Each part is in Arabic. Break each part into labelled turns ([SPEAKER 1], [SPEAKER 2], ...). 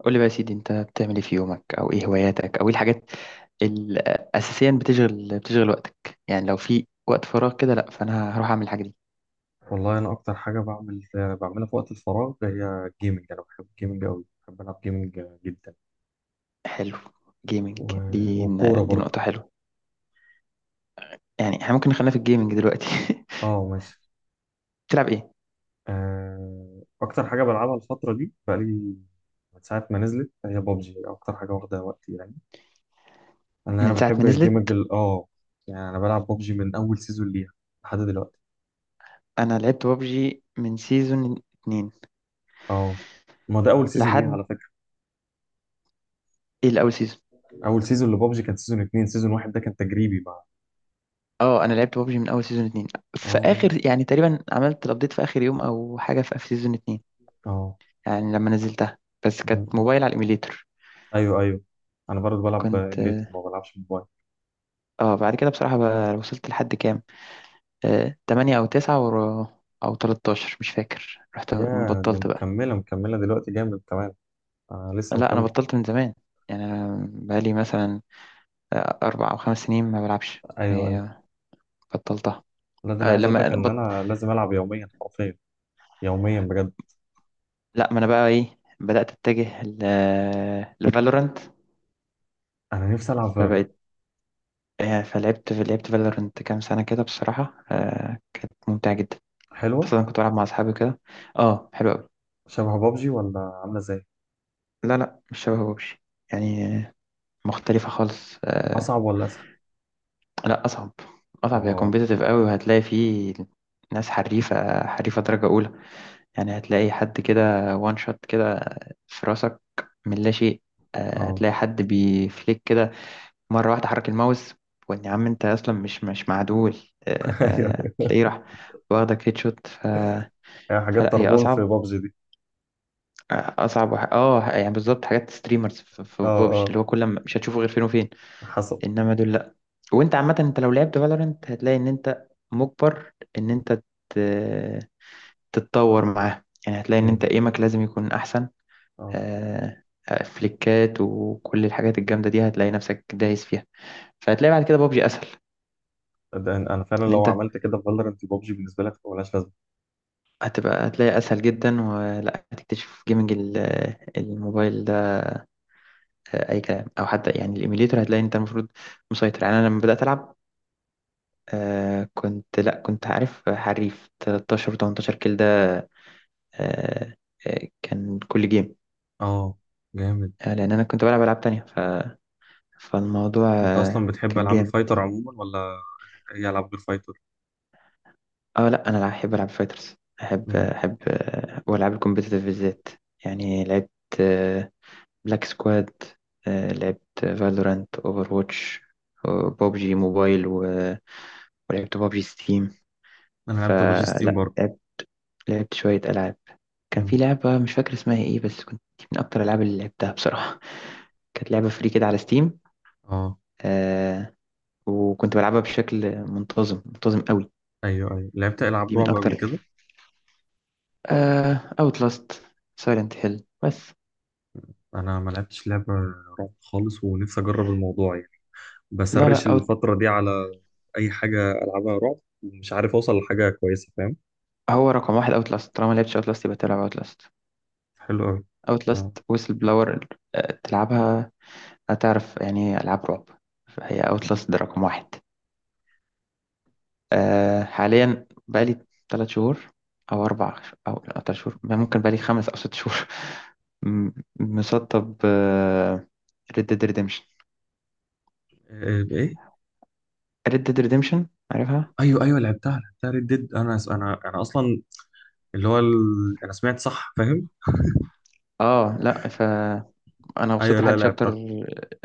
[SPEAKER 1] قول لي بقى يا سيدي، انت بتعمل ايه في يومك؟ او ايه هواياتك؟ او ايه الحاجات اللي اساسيا بتشغل وقتك؟ يعني لو في وقت فراغ كده. لا، فانا هروح اعمل الحاجه دي.
[SPEAKER 2] والله انا اكتر حاجه بعملها في وقت الفراغ هي الجيمنج. انا بحب الجيمنج قوي، بحب العب جيمنج جدا
[SPEAKER 1] حلو، جيمنج.
[SPEAKER 2] و...
[SPEAKER 1] دي
[SPEAKER 2] والكوره
[SPEAKER 1] دي
[SPEAKER 2] برضه.
[SPEAKER 1] نقطه حلوه، يعني احنا ممكن نخلينا في الجيمنج دلوقتي.
[SPEAKER 2] اه، ماشي.
[SPEAKER 1] بتلعب ايه؟
[SPEAKER 2] اكتر حاجه بلعبها الفتره دي بقالي من ساعه ما نزلت هي بابجي، اكتر حاجه واخده وقتي يعني. انا
[SPEAKER 1] من
[SPEAKER 2] أنا
[SPEAKER 1] ساعه
[SPEAKER 2] بحب
[SPEAKER 1] ما
[SPEAKER 2] الجيمنج
[SPEAKER 1] نزلت.
[SPEAKER 2] يعني. انا بلعب بابجي من اول سيزون ليها لحد دلوقتي.
[SPEAKER 1] انا لعبت بابجي من سيزون اتنين
[SPEAKER 2] اه، ما ده اول سيزون ليها
[SPEAKER 1] لحد.
[SPEAKER 2] على فكره.
[SPEAKER 1] ايه الاول سيزون؟
[SPEAKER 2] اول سيزون لبابجي كان سيزون اتنين، سيزون واحد ده كان تجريبي مع.
[SPEAKER 1] اه، انا لعبت بابجي من اول سيزون اتنين، في
[SPEAKER 2] اه.
[SPEAKER 1] اخر، يعني تقريبا عملت الابديت في اخر يوم او حاجه، في سيزون اتنين.
[SPEAKER 2] اه.
[SPEAKER 1] يعني لما نزلتها بس كانت
[SPEAKER 2] آه.
[SPEAKER 1] موبايل على الايميليتر.
[SPEAKER 2] ايوه، ايوه، انا برضه بلعب
[SPEAKER 1] كنت،
[SPEAKER 2] ايميليتور، ما بلعبش موبايل.
[SPEAKER 1] اه، بعد كده بصراحة بقى وصلت لحد كام؟ تمانية أو تسعة أو تلتاشر، مش فاكر، رحت
[SPEAKER 2] يا دي
[SPEAKER 1] بطلت بقى.
[SPEAKER 2] مكمله مكمله دلوقتي جامد كمان. آه، لسه
[SPEAKER 1] لا، أنا
[SPEAKER 2] مكمل.
[SPEAKER 1] بطلت من زمان، يعني أنا بقالي مثلا أربع أو خمس سنين ما بلعبش
[SPEAKER 2] ايوه
[SPEAKER 1] يعني،
[SPEAKER 2] ايوه.
[SPEAKER 1] بطلتها.
[SPEAKER 2] لا، ده انا
[SPEAKER 1] آه،
[SPEAKER 2] عايز اقول
[SPEAKER 1] لما
[SPEAKER 2] لك
[SPEAKER 1] أنا
[SPEAKER 2] ان
[SPEAKER 1] بط...
[SPEAKER 2] انا لازم العب يوميا حرفيا، يوميا بجد.
[SPEAKER 1] لا، ما أنا بقى إيه بدأت أتجه لفالورانت.
[SPEAKER 2] انا نفسي العب فالورنت.
[SPEAKER 1] فبقيت، فلعبت فالورانت كام سنة كده بصراحة. كانت ممتعة جدا،
[SPEAKER 2] حلوه.
[SPEAKER 1] خاصة أنا كنت بلعب مع أصحابي كده. اه، حلو أوي.
[SPEAKER 2] شبه بابجي ولا عامله ازاي؟
[SPEAKER 1] لا لا، مش شبه ببجي، يعني مختلفة خالص.
[SPEAKER 2] اصعب ولا اسهل؟
[SPEAKER 1] لا، أصعب. أصعب، هي
[SPEAKER 2] اه.
[SPEAKER 1] كومبيتيتيف قوي وهتلاقي فيه ناس حريفة حريفة درجة أولى. يعني هتلاقي حد كده وان شوت كده في راسك من لا شيء.
[SPEAKER 2] اه.
[SPEAKER 1] هتلاقي حد بيفليك كده مرة واحدة، حرك الماوس وإن يا عم أنت أصلا مش معدول.
[SPEAKER 2] ايوه،
[SPEAKER 1] تلاقيه راح واخدك هيد شوت
[SPEAKER 2] هي حاجات
[SPEAKER 1] فلا هي
[SPEAKER 2] طربون في
[SPEAKER 1] أصعب.
[SPEAKER 2] بابجي دي.
[SPEAKER 1] أصعب وح... آه يعني بالظبط حاجات ستريمرز في
[SPEAKER 2] اه.
[SPEAKER 1] بابجي،
[SPEAKER 2] اه.
[SPEAKER 1] اللي هو كل ما مش هتشوفه غير فين وفين.
[SPEAKER 2] حصل.
[SPEAKER 1] إنما دول، وانت عامة انت لو لعبت فالورنت هتلاقي ان انت مجبر ان انت ت- تتطور معاه. يعني هتلاقي ان انت
[SPEAKER 2] امم.
[SPEAKER 1] ايمك لازم يكون احسن،
[SPEAKER 2] اه،
[SPEAKER 1] آه، فليكات وكل الحاجات الجامدة دي هتلاقي نفسك دايس فيها. فهتلاقي بعد كده بابجي اسهل،
[SPEAKER 2] ده انا فعلا
[SPEAKER 1] ان
[SPEAKER 2] لو
[SPEAKER 1] انت
[SPEAKER 2] عملت كده في فالورنت، بابجي بالنسبه لك ملهاش لازمه.
[SPEAKER 1] هتبقى هتلاقي اسهل جدا. ولا هتكتشف جيمنج الموبايل ده اي كلام، او حتى يعني الايميليتور هتلاقي انت المفروض مسيطر. يعني انا لما بدأت العب كنت، لا كنت عارف، حريف 13 و18 كيل ده. آه، كان كل جيم
[SPEAKER 2] اه، جامد.
[SPEAKER 1] لان انا كنت بلعب العاب تانية فالموضوع
[SPEAKER 2] انت اصلا بتحب
[SPEAKER 1] كان
[SPEAKER 2] العاب
[SPEAKER 1] جامد.
[SPEAKER 2] الفايتر عموما ولا يلعب غير فايتر؟
[SPEAKER 1] اه، لا، انا احب العب فايترز، احب
[SPEAKER 2] مم.
[SPEAKER 1] احب والعاب الكومبيتيتيف بالذات. يعني لعبت بلاك سكواد، لعبت فالورانت، اوفر واتش، ببجي موبايل، ولعبت ببجي ستيم.
[SPEAKER 2] انا لعبت بوج ستيم
[SPEAKER 1] فلا
[SPEAKER 2] برضه.
[SPEAKER 1] لعبت شوية ألعاب. كان في
[SPEAKER 2] مم.
[SPEAKER 1] لعبة مش فاكر اسمها ايه، بس كنت من أكتر الألعاب اللي لعبتها بصراحة. كانت لعبة فري كده على ستيم،
[SPEAKER 2] اه،
[SPEAKER 1] وكنت بلعبها بشكل منتظم، منتظم قوي.
[SPEAKER 2] ايوه ايوه، لعبت العاب
[SPEAKER 1] دي من
[SPEAKER 2] رعب
[SPEAKER 1] اكتر،
[SPEAKER 2] قبل كده.
[SPEAKER 1] اوت لاست، سايلنت هيل بس.
[SPEAKER 2] انا ما لعبتش لعبه رعب خالص، ونفسي اجرب الموضوع يعني.
[SPEAKER 1] لا
[SPEAKER 2] بسرش
[SPEAKER 1] لا،
[SPEAKER 2] الفتره دي على اي حاجه العبها رعب، ومش عارف اوصل لحاجه كويسه، فاهم.
[SPEAKER 1] هو رقم واحد اوت لاست. طالما لعبتش اوت لاست يبقى تلعب اوت لاست.
[SPEAKER 2] حلو قوي.
[SPEAKER 1] اوت
[SPEAKER 2] آه.
[SPEAKER 1] لاست ويسل بلاور، تلعبها هتعرف يعني ايه العاب رعب. فهي اوت لاست ده رقم واحد. حاليا بقالي ثلاث شهور او اربع او ثلاث شهور، ممكن بقالي خمس او ست شهور. م- مسطب ريد ديد ريديمشن.
[SPEAKER 2] ايه؟ إيه؟
[SPEAKER 1] ريد ديد ريديمشن عارفها؟
[SPEAKER 2] ايوه ايوه، لعبتها لعبتها ريد ديد. انا اصلا اللي هو ال... انا سمعت صح، فاهم.
[SPEAKER 1] اه، لا، فانا
[SPEAKER 2] ايوه،
[SPEAKER 1] وصلت
[SPEAKER 2] لا
[SPEAKER 1] لحد شابتر
[SPEAKER 2] لعبتها،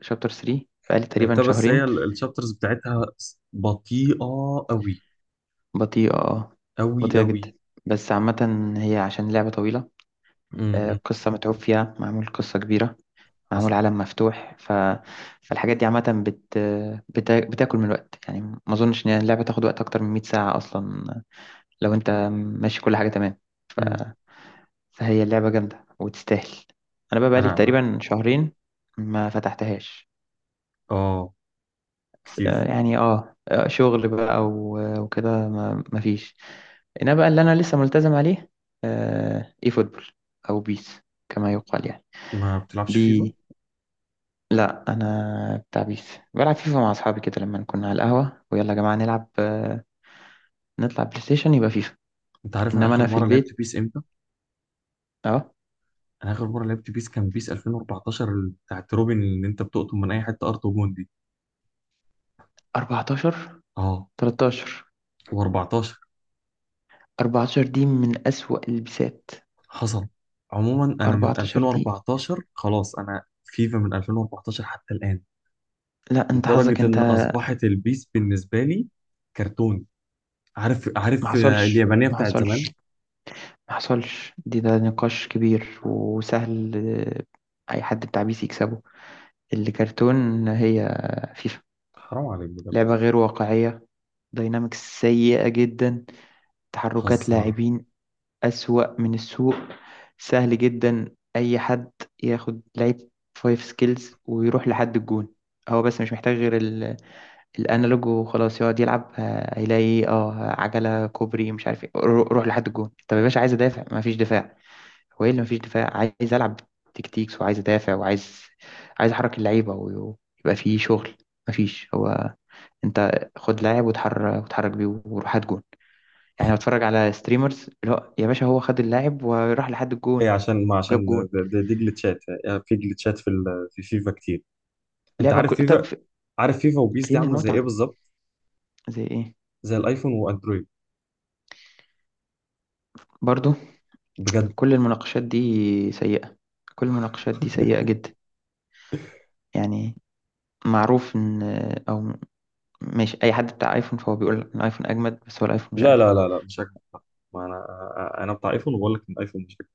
[SPEAKER 1] شابتر 3 بقالي تقريبا
[SPEAKER 2] لعبتها، بس هي
[SPEAKER 1] شهرين.
[SPEAKER 2] الشابترز بتاعتها بطيئه قوي.
[SPEAKER 1] بطيئة، اه،
[SPEAKER 2] قوي
[SPEAKER 1] بطيئة
[SPEAKER 2] قوي.
[SPEAKER 1] جدا. بس عامة هي عشان لعبة طويلة،
[SPEAKER 2] امم
[SPEAKER 1] قصة متعوب فيها، معمول قصة كبيرة، معمول عالم مفتوح، فالحاجات دي عامة بتاكل من الوقت. يعني ما أظنش إن اللعبة تاخد وقت أكتر من 100 ساعة أصلا، لو أنت ماشي كل حاجة تمام. ف...
[SPEAKER 2] مم.
[SPEAKER 1] فهي اللعبة جامدة وتستاهل. أنا بقى بقالي
[SPEAKER 2] انا
[SPEAKER 1] تقريبا شهرين ما فتحتهاش،
[SPEAKER 2] اه كتير.
[SPEAKER 1] يعني اه، شغل بقى وكده، ما ما فيش. انا بقى اللي انا لسه ملتزم عليه اي فوتبول او بيس، كما يقال يعني.
[SPEAKER 2] ما بتلعبش فيفا؟
[SPEAKER 1] دي لا، انا بتاع بيس. بلعب فيفا مع اصحابي كده لما كنا على القهوه، ويلا يا جماعه نلعب، نطلع بلاي ستيشن يبقى فيفا.
[SPEAKER 2] انت عارف انا
[SPEAKER 1] انما
[SPEAKER 2] اخر
[SPEAKER 1] انا في
[SPEAKER 2] مره لعبت
[SPEAKER 1] البيت.
[SPEAKER 2] بيس امتى؟
[SPEAKER 1] اه.
[SPEAKER 2] انا اخر مره لعبت بيس كان بيس 2014، بتاعت روبن اللي انت بتقطم من اي حته ارض وجون دي.
[SPEAKER 1] 14.
[SPEAKER 2] اه،
[SPEAKER 1] 13.
[SPEAKER 2] و14.
[SPEAKER 1] 14 دي من اسوأ البسات.
[SPEAKER 2] حصل. عموما انا من
[SPEAKER 1] 14 دي،
[SPEAKER 2] 2014 خلاص، انا فيفا من 2014 حتى الان،
[SPEAKER 1] لا انت حظك
[SPEAKER 2] لدرجه
[SPEAKER 1] انت.
[SPEAKER 2] ان اصبحت البيس بالنسبه لي كرتون. عارف،
[SPEAKER 1] ما
[SPEAKER 2] عارف،
[SPEAKER 1] حصلش،
[SPEAKER 2] اليابانيه
[SPEAKER 1] ما
[SPEAKER 2] بتاعت زمان.
[SPEAKER 1] حصلش. ما حصلش، دي ده نقاش كبير وسهل. أي حد بتاع بي سي يكسبه. الكرتون هي فيفا،
[SPEAKER 2] حرام عليك بجد،
[SPEAKER 1] لعبة
[SPEAKER 2] والله.
[SPEAKER 1] غير واقعية، داينامكس سيئة جدا، تحركات
[SPEAKER 2] هزر.
[SPEAKER 1] لاعبين أسوأ من السوق. سهل جدا أي حد ياخد لعيب فايف سكيلز ويروح لحد الجون. هو بس مش محتاج غير الانالوج، وخلاص يقعد يلعب، هيلاقي اه عجلة كوبري مش عارف ايه، روح لحد الجون. طب يا باشا، عايز ادافع، مفيش دفاع. هو ايه اللي مفيش دفاع؟ عايز العب تكتيكس وعايز ادافع، وعايز، عايز احرك اللعيبه ويبقى فيه شغل. مفيش. هو انت خد لاعب وتحرك بيه وروح هات جون. يعني بتفرج على ستريمرز، اللي هو يا باشا، هو خد اللاعب وراح لحد الجون،
[SPEAKER 2] ايه، عشان ما
[SPEAKER 1] جاب
[SPEAKER 2] عشان
[SPEAKER 1] جون.
[SPEAKER 2] دي جلتشات يعني، في جلتشات في فيفا كتير. انت
[SPEAKER 1] لعبه
[SPEAKER 2] عارف
[SPEAKER 1] طب
[SPEAKER 2] فيفا عارف فيفا وبيس دي
[SPEAKER 1] فين
[SPEAKER 2] عامله زي ايه
[SPEAKER 1] المتعه؟
[SPEAKER 2] بالظبط؟
[SPEAKER 1] زي ايه؟
[SPEAKER 2] زي الايفون واندرويد.
[SPEAKER 1] برضو،
[SPEAKER 2] بجد.
[SPEAKER 1] كل المناقشات دي سيئه، كل المناقشات دي سيئه جدا. يعني معروف ان، او ماشي، اي حد بتاع ايفون فهو بيقول ان الايفون اجمد، بس هو الايفون مش
[SPEAKER 2] لا
[SPEAKER 1] اجمد.
[SPEAKER 2] لا لا لا، مش هكذب. ما انا بتاع ايفون، وبقول لك ان الايفون مش هكذب.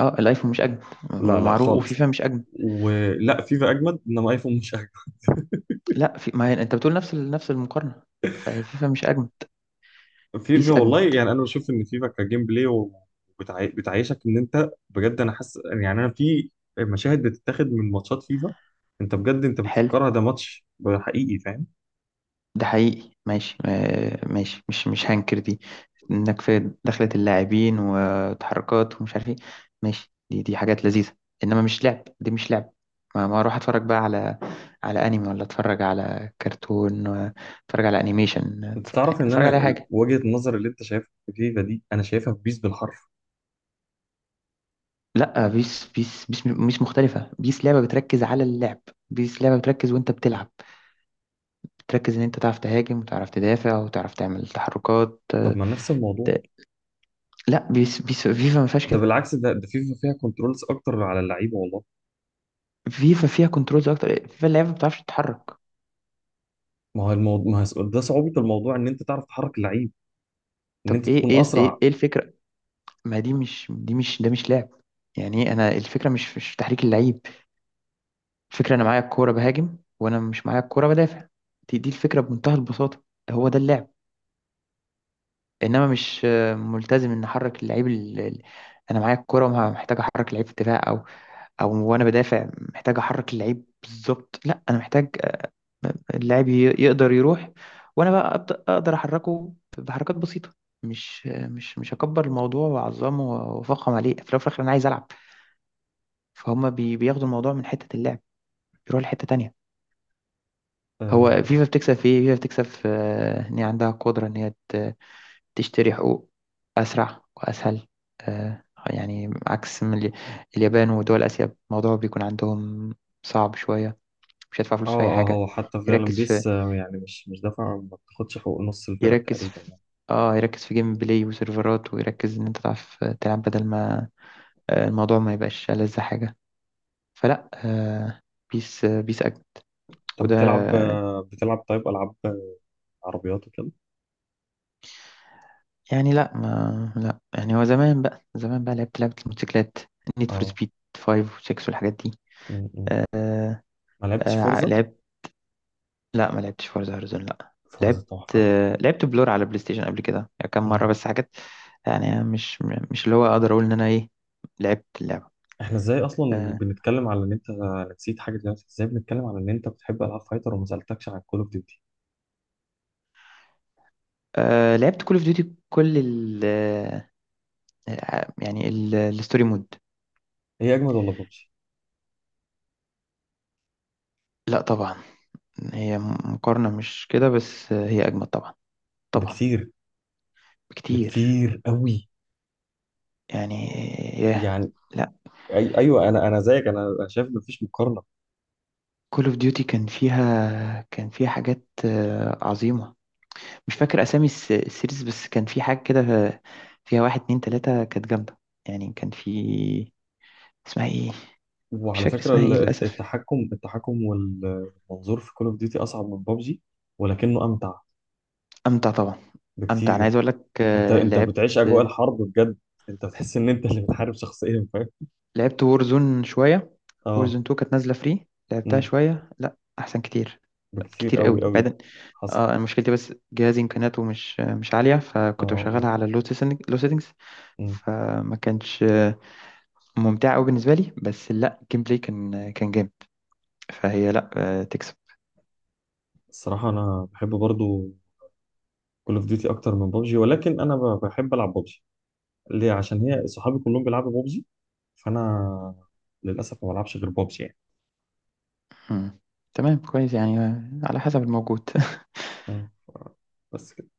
[SPEAKER 1] اه، الايفون مش اجمل
[SPEAKER 2] لا لا،
[SPEAKER 1] ومعروف،
[SPEAKER 2] خالص.
[SPEAKER 1] وفيفا مش اجمل.
[SPEAKER 2] ولا فيفا اجمد، انما ايفون مش اجمد.
[SPEAKER 1] لا، في، ما هي انت بتقول نفس نفس المقارنه، فهي فيفا مش اجمد،
[SPEAKER 2] فيفا
[SPEAKER 1] بيس
[SPEAKER 2] والله،
[SPEAKER 1] اجمد.
[SPEAKER 2] يعني انا بشوف ان فيفا كجيم بلاي وبتعي... بتعيشك ان انت بجد. انا حاسس يعني انا في مشاهد بتتاخد من ماتشات فيفا، انت بجد انت
[SPEAKER 1] حلو،
[SPEAKER 2] بتفكرها ده ماتش حقيقي، فاهم.
[SPEAKER 1] ده حقيقي ماشي، ماشي، مش هنكر دي، انك في دخلة اللاعبين وتحركات ومش عارف ايه، ماشي، دي حاجات لذيذه. انما مش لعب، دي مش لعب. ما اروح اتفرج بقى على انمي، ولا اتفرج على كرتون، ولا اتفرج على انيميشن،
[SPEAKER 2] انت
[SPEAKER 1] يعني
[SPEAKER 2] تعرف ان
[SPEAKER 1] اتفرج
[SPEAKER 2] انا
[SPEAKER 1] على أي حاجه.
[SPEAKER 2] وجهة النظر اللي انت شايفها في فيفا دي انا شايفها في بيس بالحرف.
[SPEAKER 1] لا، بيس مش مختلفة. بيس لعبة بتركز على اللعب. بيس لعبة بتركز، وانت بتلعب بتركز ان انت تعرف تهاجم وتعرف تدافع وتعرف تعمل تحركات،
[SPEAKER 2] طب ما نفس الموضوع.
[SPEAKER 1] ت- لا بيس فيفا ما فيهاش
[SPEAKER 2] ده
[SPEAKER 1] كده.
[SPEAKER 2] بالعكس، ده فيفا فيها كنترولز اكتر على اللعيبه والله.
[SPEAKER 1] فيفا فيها كنترولز اكتر، فيفا اللعبة ما بتعرفش تتحرك.
[SPEAKER 2] ما هو ده صعوبه الموضوع، ان انت تعرف تحرك اللعيب، ان
[SPEAKER 1] طب
[SPEAKER 2] انت
[SPEAKER 1] ايه
[SPEAKER 2] تكون
[SPEAKER 1] ايه ايه
[SPEAKER 2] اسرع.
[SPEAKER 1] إيه الفكرة؟ ما دي مش، ده مش لعب. يعني إيه انا؟ الفكرة مش في تحريك اللعيب، الفكرة انا معايا الكورة بهاجم، وانا مش معايا الكورة بدافع. دي الفكرة بمنتهى البساطة، هو ده اللعب. انما مش ملتزم ان احرك اللعيب انا معايا الكرة محتاج احرك اللعيب في دفاع او وانا بدافع محتاج احرك اللعيب بالظبط. لا، انا محتاج اللاعب يقدر يروح، وانا بقى أبدأ اقدر احركه بحركات بسيطة. مش هكبر الموضوع واعظمه وافخم عليه، في الاول وفي الاخر انا عايز العب. فهم بياخدوا الموضوع من حتة اللعب، يروح لحتة تانية.
[SPEAKER 2] اه.
[SPEAKER 1] هو فيفا بتكسب في ايه؟ فيفا بتكسب في ان هي عندها قدرة ان هي تشتري حقوق أسرع وأسهل، آه، يعني عكس من اليابان ودول آسيا، الموضوع بيكون عندهم صعب شوية، مش هيدفع
[SPEAKER 2] اه.
[SPEAKER 1] فلوس في أي حاجة.
[SPEAKER 2] هو حتى فعلا
[SPEAKER 1] يركز في،
[SPEAKER 2] بيس يعني مش دافع، ما بتاخدش حقوق نص الفرق
[SPEAKER 1] يركز
[SPEAKER 2] تقريبا
[SPEAKER 1] في
[SPEAKER 2] يعني.
[SPEAKER 1] اه يركز في جيم بلاي وسيرفرات، ويركز إن أنت تعرف تلعب، بدل ما الموضوع ما يبقاش ألذ حاجة. فلا بيس، بيس أجمل.
[SPEAKER 2] طب
[SPEAKER 1] وده،
[SPEAKER 2] بتلعب طيب العاب عربيات وكده.
[SPEAKER 1] يعني لا، ما لا يعني هو زمان بقى، لعبت لعبة الموتوسيكلات، نيد فور
[SPEAKER 2] اه.
[SPEAKER 1] سبيد 5 و 6 والحاجات دي.
[SPEAKER 2] م- م. ما لعبتش فورزا.
[SPEAKER 1] لعبت، لا ما لعبتش فورزا هورايزون. لا،
[SPEAKER 2] فورزا
[SPEAKER 1] لعبت
[SPEAKER 2] تحفه.
[SPEAKER 1] لعبت بلور على بلاي ستيشن قبل كده، يعني كام مرة بس حاجات يعني، مش اللي هو اقدر اقول ان انا ايه لعبت اللعبة.
[SPEAKER 2] احنا ازاي اصلا
[SPEAKER 1] آه
[SPEAKER 2] بنتكلم على ان انت، نسيت حاجه دلوقتي، ازاي بنتكلم على ان انت بتحب العاب فايتر وما سالتكش عن كول اوف ديوتي؟
[SPEAKER 1] لعبت كول اوف ديوتي كل ال، الستوري مود.
[SPEAKER 2] هي اجمد ولا ببجي؟
[SPEAKER 1] لا طبعا، هي مقارنة مش كده بس، هي اجمد طبعا، طبعا،
[SPEAKER 2] بكتير.
[SPEAKER 1] بكتير
[SPEAKER 2] بكتير قوي.
[SPEAKER 1] يعني. ياه،
[SPEAKER 2] يعني.
[SPEAKER 1] لا.
[SPEAKER 2] ايوه، انا زيك، انا شايف مفيش مقارنه.
[SPEAKER 1] كول اوف ديوتي كان فيها، كان فيها حاجات عظيمة. مش فاكر اسامي السيريز، بس كان في حاجه كده فيها واحد اتنين تلاته كانت جامده. يعني كان في، اسمها ايه؟ مش
[SPEAKER 2] وعلى
[SPEAKER 1] فاكر
[SPEAKER 2] فكره،
[SPEAKER 1] اسمها
[SPEAKER 2] ال-
[SPEAKER 1] ايه للاسف.
[SPEAKER 2] التحكم التحكم والمنظور في كول اوف ديوتي اصعب من ببجي، ولكنه امتع.
[SPEAKER 1] امتع طبعا، امتع. انا
[SPEAKER 2] بكتير
[SPEAKER 1] عايز اقول لك
[SPEAKER 2] انت انت بتعيش
[SPEAKER 1] لعبت
[SPEAKER 2] اجواء الحرب بجد، انت بتحس ان انت اللي بتحارب شخصيا، فاهم.
[SPEAKER 1] لعبت وورزون شويه.
[SPEAKER 2] اه.
[SPEAKER 1] وورزون 2 كانت نازله فري، لعبتها
[SPEAKER 2] أمم.
[SPEAKER 1] شويه. لا، احسن كتير،
[SPEAKER 2] بكتير
[SPEAKER 1] كتير
[SPEAKER 2] قوي
[SPEAKER 1] قوي
[SPEAKER 2] قوي.
[SPEAKER 1] بعدين.
[SPEAKER 2] حصل.
[SPEAKER 1] اه، أنا مشكلتي بس جهازي امكانياته مش عاليه،
[SPEAKER 2] اه.
[SPEAKER 1] فكنت
[SPEAKER 2] اه.
[SPEAKER 1] بشغلها على لو سيتنجز،
[SPEAKER 2] إمم.
[SPEAKER 1] فما كانش ممتع قوي بالنسبه لي، بس لا، الجيم بلاي كان جامد. فهي لا، تكسب.
[SPEAKER 2] الصراحة، أنا بحب برضو كول أوف ديوتي أكتر من بابجي، ولكن أنا بحب ألعب بابجي. ليه؟ عشان هي صحابي كلهم بيلعبوا بابجي، فأنا للأسف ما بلعبش غير بابجي يعني.
[SPEAKER 1] مم. تمام كويس، يعني على حسب الموجود.
[SPEAKER 2] آه، ف- بس كده.